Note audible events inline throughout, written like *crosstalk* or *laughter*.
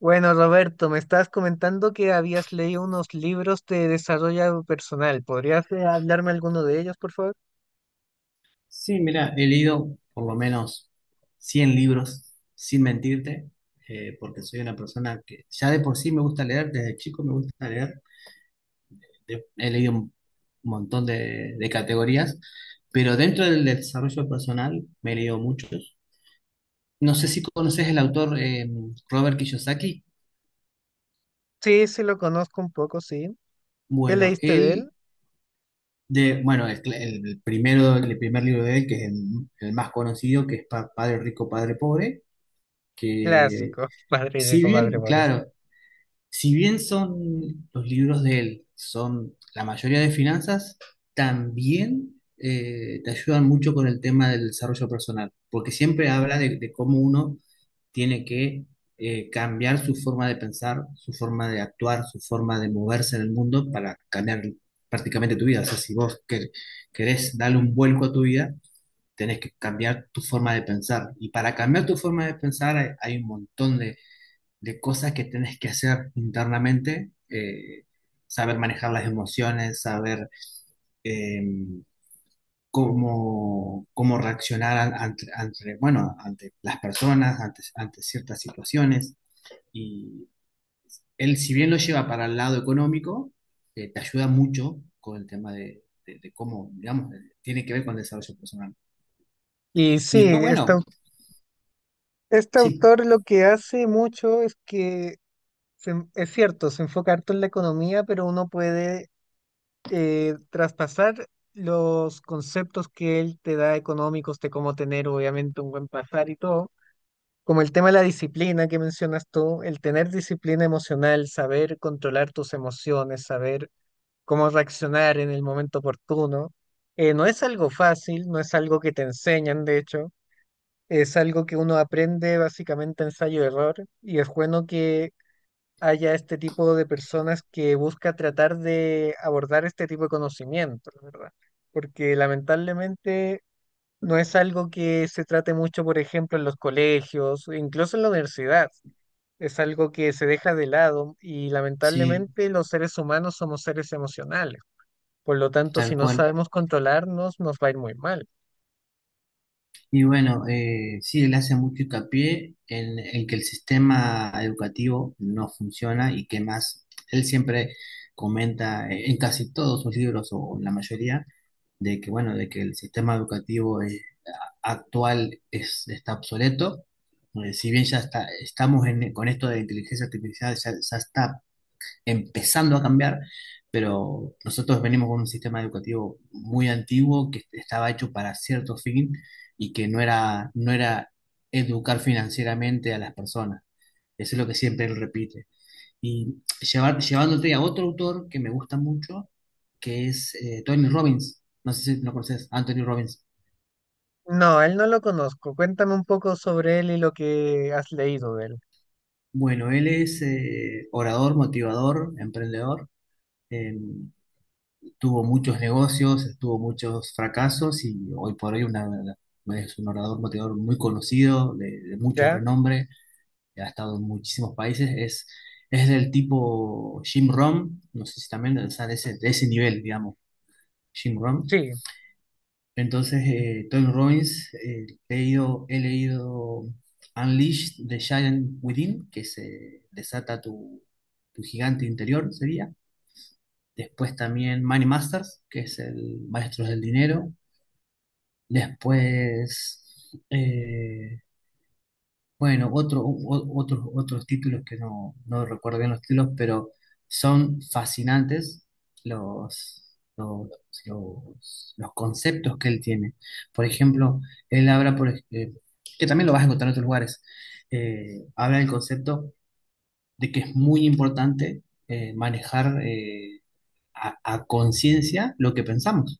Bueno, Roberto, me estabas comentando que habías leído unos libros de desarrollo personal. ¿Podrías hablarme alguno de ellos, por favor? Sí, mira, he leído por lo menos 100 libros, sin mentirte, porque soy una persona que ya de por sí me gusta leer, desde chico me gusta leer. He leído un montón de categorías, pero dentro del desarrollo personal me he leído muchos. No sé si conoces el autor Robert Kiyosaki. Sí, sí, lo conozco un poco, sí. ¿Qué Bueno, leíste de él? él, de, bueno, el primer libro de él, que es el más conocido, que es Padre Rico, Padre Pobre, que Clásico, *laughs* padre si rico, padre bien, pobre, sí. claro, si bien son los libros de él, son la mayoría de finanzas, también te ayudan mucho con el tema del desarrollo personal, porque siempre habla de cómo uno tiene que cambiar su forma de pensar, su forma de actuar, su forma de moverse en el mundo para cambiar prácticamente tu vida. O sea, si vos querés darle un vuelco a tu vida, tenés que cambiar tu forma de pensar. Y para cambiar tu forma de pensar hay un montón de cosas que tenés que hacer internamente, saber manejar las emociones, saber, eh, cómo reaccionar bueno, ante las personas, ante ciertas situaciones. Y él, si bien lo lleva para el lado económico, te ayuda mucho con el tema de cómo, digamos, tiene que ver con el desarrollo personal. Y Y sí, después, este, bueno, este sí, autor lo que hace mucho es que, es cierto, se enfoca harto en la economía, pero uno puede traspasar los conceptos que él te da económicos de cómo tener, obviamente, un buen pasar y todo. Como el tema de la disciplina que mencionas tú, el tener disciplina emocional, saber controlar tus emociones, saber cómo reaccionar en el momento oportuno, no es algo fácil, no es algo que te enseñan, de hecho, es algo que uno aprende básicamente ensayo-error y es bueno que haya este tipo de personas que busca tratar de abordar este tipo de conocimiento, la verdad, porque lamentablemente no es algo que se trate mucho, por ejemplo, en los colegios, incluso en la universidad. Es algo que se deja de lado y sí, lamentablemente los seres humanos somos seres emocionales. Por lo tanto, tal si no cual. sabemos controlarnos, nos va a ir muy mal. Y bueno, sí, él hace mucho hincapié en que el sistema educativo no funciona y que más, él siempre comenta, en casi todos sus libros o en la mayoría de que, bueno, de que el sistema educativo actual es, está obsoleto. Si bien ya está, con esto de inteligencia artificial, ya, ya está empezando a cambiar, pero nosotros venimos con un sistema educativo muy antiguo que estaba hecho para cierto fin y que no era educar financieramente a las personas. Eso es lo que siempre él repite. Y llevar, llevándote a otro autor que me gusta mucho, que es Tony Robbins. No sé si lo conoces, Anthony Robbins. No, a él no lo conozco. Cuéntame un poco sobre él y lo que has leído de él. Bueno, él es orador, motivador, emprendedor. eh, Tuvo muchos negocios, tuvo muchos fracasos y hoy por hoy es un orador motivador muy conocido, de mucho ¿Ya? renombre, ha estado en muchísimos países, es del tipo Jim Rohn, no sé si también, o sea, de ese nivel, digamos, Jim Rohn. Sí. Entonces, Tony Robbins, he leído Unleash the Giant Within, que se desata tu gigante interior, sería. Después también Money Masters, que es el Maestros del Dinero. Después, bueno, otros títulos que no recuerdo bien los títulos, pero son fascinantes los, los, los conceptos que él tiene. Por ejemplo, él habla, que también lo vas a encontrar en otros lugares, habla del concepto de que es muy importante, eh, manejar eh, a conciencia lo que pensamos.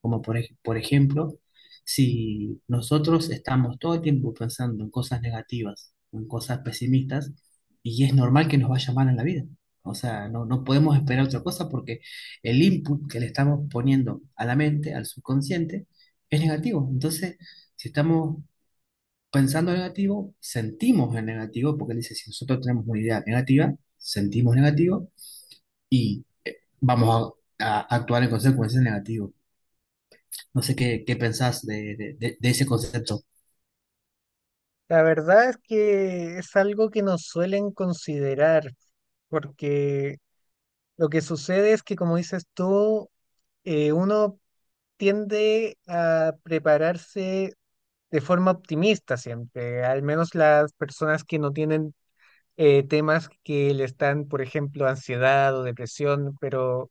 Como por ejemplo, si nosotros estamos todo el tiempo pensando en cosas negativas, en cosas pesimistas, y es normal que nos vaya mal en la vida. O sea, no podemos esperar otra cosa porque el input que le estamos poniendo a la mente, al subconsciente, es negativo. Entonces, si estamos pensando negativo, sentimos el negativo, porque él dice, si nosotros tenemos una idea negativa, sentimos negativo y vamos a actuar en consecuencia negativa. No sé qué pensás de ese concepto. La verdad es que es algo que nos suelen considerar, porque lo que sucede es que, como dices tú, uno tiende a prepararse de forma optimista siempre, al menos las personas que no tienen temas que le están, por ejemplo, ansiedad o depresión,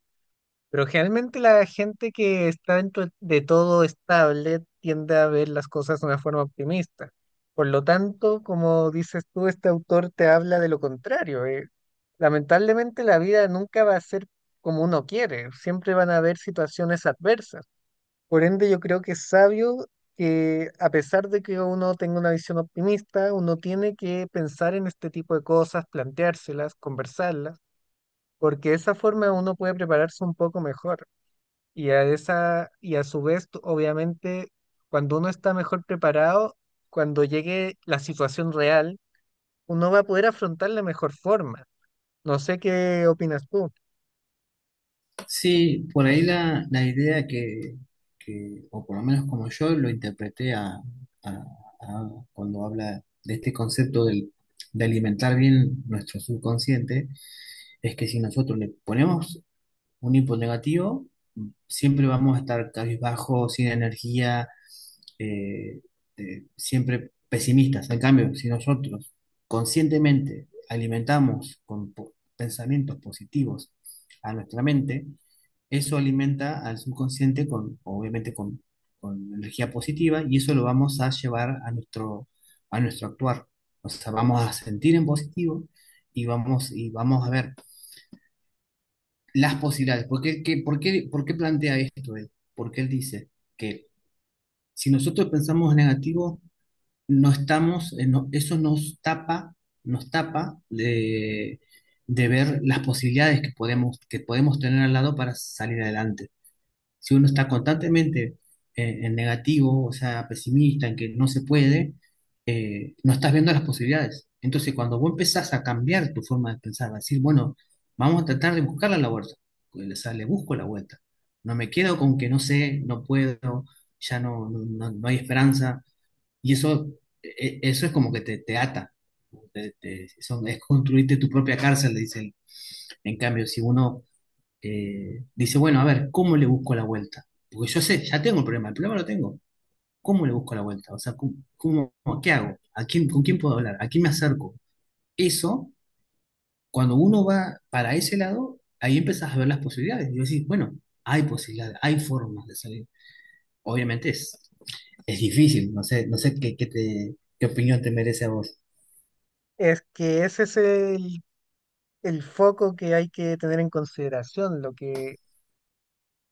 pero generalmente la gente que está dentro de todo estable tiende a ver las cosas de una forma optimista. Por lo tanto, como dices tú, este autor te habla de lo contrario. Lamentablemente la vida nunca va a ser como uno quiere, siempre van a haber situaciones adversas. Por ende, yo creo que es sabio que a pesar de que uno tenga una visión optimista, uno tiene que pensar en este tipo de cosas, planteárselas, conversarlas, porque de esa forma uno puede prepararse un poco mejor. Y a esa, y a su vez, obviamente, cuando uno está mejor preparado, cuando llegue la situación real, uno va a poder afrontar de mejor forma. No sé qué opinas tú. Sí, por ahí la idea que, o por lo menos como yo lo interpreté a- a cuando habla de este concepto de alimentar bien nuestro subconsciente, es que si nosotros le ponemos un hipo negativo, siempre vamos a estar cabizbajo, sin energía, eh, siempre pesimistas. En cambio, si nosotros conscientemente alimentamos con pensamientos positivos a nuestra mente, eso alimenta al subconsciente con, obviamente, con energía positiva y eso lo vamos a llevar a nuestro actuar. O sea, vamos a sentir en positivo y y vamos a ver las posibilidades. ¿Por qué, por qué, por qué plantea esto él? Porque él dice que si nosotros pensamos negativo, no estamos, eso nos tapa de ver las posibilidades que podemos tener al lado para salir adelante. Si uno está constantemente en negativo, o sea, pesimista, en que no se puede, no estás viendo las posibilidades. Entonces, cuando vos empezás a cambiar tu forma de pensar, a decir, bueno, vamos a tratar de buscarla la vuelta, pues, o sea, le busco la vuelta. No me quedo con que no sé, no puedo, ya no hay esperanza. Y eso, eso es como que te ata. Es construirte tu propia cárcel, le dicen. En cambio, si uno dice, bueno, a ver, ¿cómo le busco la vuelta? Porque yo sé, ya tengo el problema lo tengo. ¿Cómo le busco la vuelta? O sea, qué hago? ¿A quién, con quién puedo hablar? ¿A quién me acerco? Eso, cuando uno va para ese lado, ahí empiezas a ver las posibilidades. Y decís, bueno, hay posibilidades, hay formas de salir. Obviamente es difícil, no sé, no sé qué opinión te merece a vos. Es que ese es el foco que hay que tener en consideración, lo que.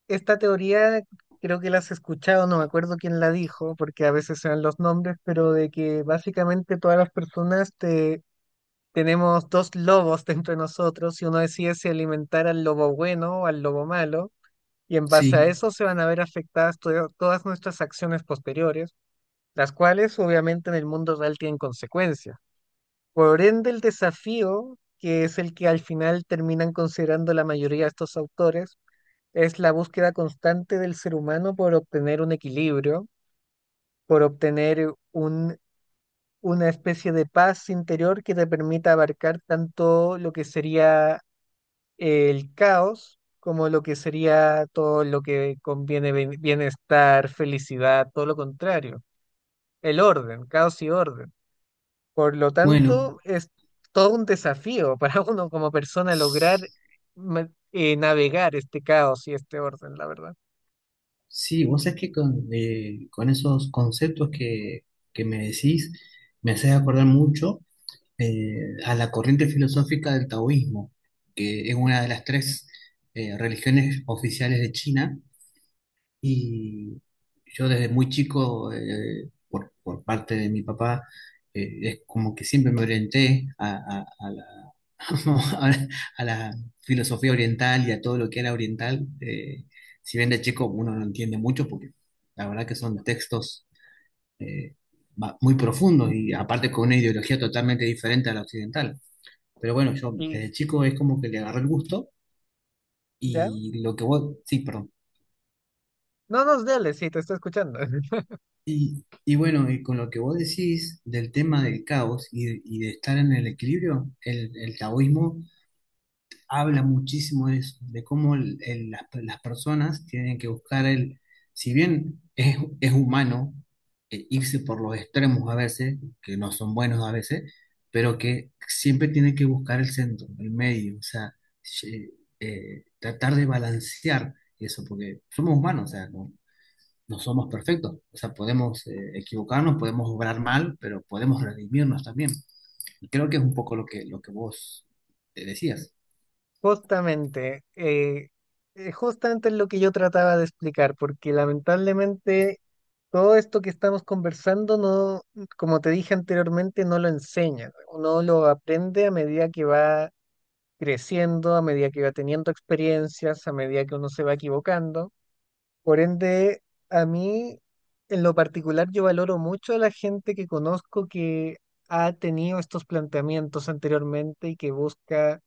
Esta teoría creo que la has escuchado, no me acuerdo quién la dijo, porque a veces se dan los nombres, pero de que básicamente todas las tenemos dos lobos *laughs* dentro de nosotros y uno decide si alimentar al lobo bueno o al lobo malo, y en base a Sí, eso se van a ver afectadas todas nuestras acciones posteriores, las cuales obviamente en el mundo real tienen consecuencias. Por ende, el desafío, que es el que al final terminan considerando la mayoría de estos autores, es la búsqueda constante del ser humano por obtener un equilibrio, por obtener un, una especie de paz interior que te permita abarcar tanto lo que sería el caos como lo que sería todo lo que conviene bienestar, felicidad, todo lo contrario, el orden, caos y orden. Por lo bueno. tanto, es todo un desafío para *laughs* uno como persona lograr navegar este caos y este orden, la verdad. Sí, vos sabés que con esos conceptos que me decís, me haces acordar mucho, a la corriente filosófica del taoísmo, que es una de las tres religiones oficiales de China, y yo desde muy chico, por parte de mi papá, es como que siempre me orienté a la, *laughs* a la- a la filosofía oriental y a todo lo que era oriental. Si bien de chico uno no entiende mucho, porque la verdad que son textos eh, muy profundos y aparte con una ideología totalmente diferente a la occidental. Pero bueno, yo Y, desde chico es como que le agarré el gusto ¿ya? y lo que vos... Sí, perdón. No nos dales, sí, te estoy escuchando. *laughs* Y bueno, y con lo que vos decís del tema del caos y de estar en el equilibrio, el taoísmo habla muchísimo de eso, de cómo las personas tienen que buscar el, si bien es humano, irse por los extremos a veces, que no son buenos a veces, pero que siempre tienen que buscar el centro, el medio, o sea, eh, tratar de balancear eso, porque somos humanos, o sea, no somos perfectos. O sea, podemos equivocarnos, podemos obrar mal, pero podemos redimirnos también. Y creo que es un poco lo que vos decías. Justamente, justamente es lo que yo trataba de explicar, porque lamentablemente todo esto que estamos conversando no, como te dije anteriormente, no lo enseñan. Uno lo aprende a medida que va creciendo, a medida que va teniendo experiencias, a medida que uno se va equivocando. Por ende, a mí, en lo particular, yo valoro mucho a la gente que conozco que ha tenido estos planteamientos anteriormente y que busca.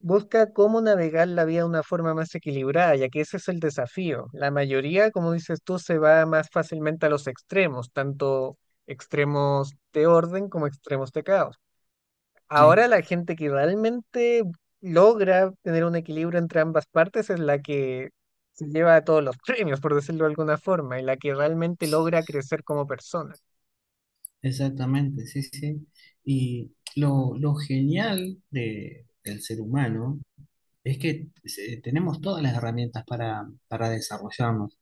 Busca cómo navegar la vida de una forma más equilibrada, ya que ese es el desafío. La mayoría, como dices tú, se va más fácilmente a los extremos, tanto extremos de orden como extremos de caos. Sí, Ahora la gente que realmente logra tener un equilibrio entre ambas partes es la que se lleva todos los premios, por decirlo de alguna forma, y la que realmente logra crecer como persona. exactamente, sí, sí. Y lo genial de, del ser humano es que tenemos todas las herramientas para desarrollarnos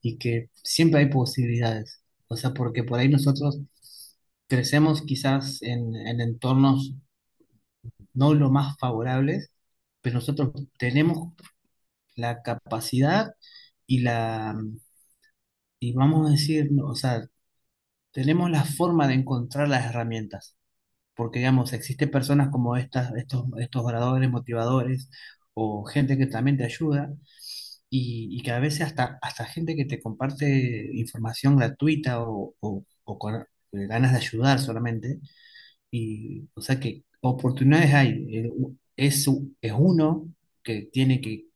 y que siempre hay posibilidades. O sea, porque por ahí nosotros crecemos quizás en entornos no los más favorables, pero nosotros tenemos la capacidad y la, y vamos a decir, no, o sea, tenemos la forma de encontrar las herramientas, porque digamos, existen personas como estas, estos oradores, motivadores, o gente que también te ayuda, y que a veces hasta gente que te comparte información gratuita o con ganas de ayudar solamente, y, o sea que oportunidades hay. El- es uno que tiene que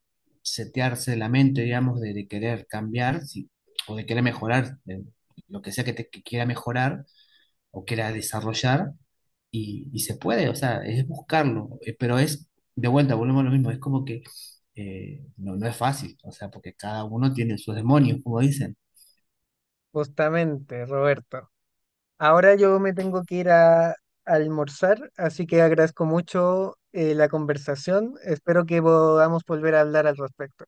setearse la mente, digamos, de querer cambiar o de querer mejorar, lo que sea que, te, que quiera mejorar o quiera desarrollar. Y se puede, o sea, es buscarlo. Pero es, de vuelta, volvemos a lo mismo, es como que no es fácil, o sea, porque cada uno tiene sus demonios, como dicen. Justamente, Roberto. Ahora yo me tengo que ir a almorzar, así que agradezco mucho la conversación. Espero que podamos volver a hablar al respecto.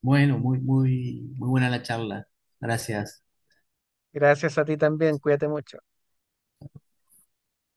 Bueno, muy buena la charla. Gracias. Gracias a ti también, cuídate mucho.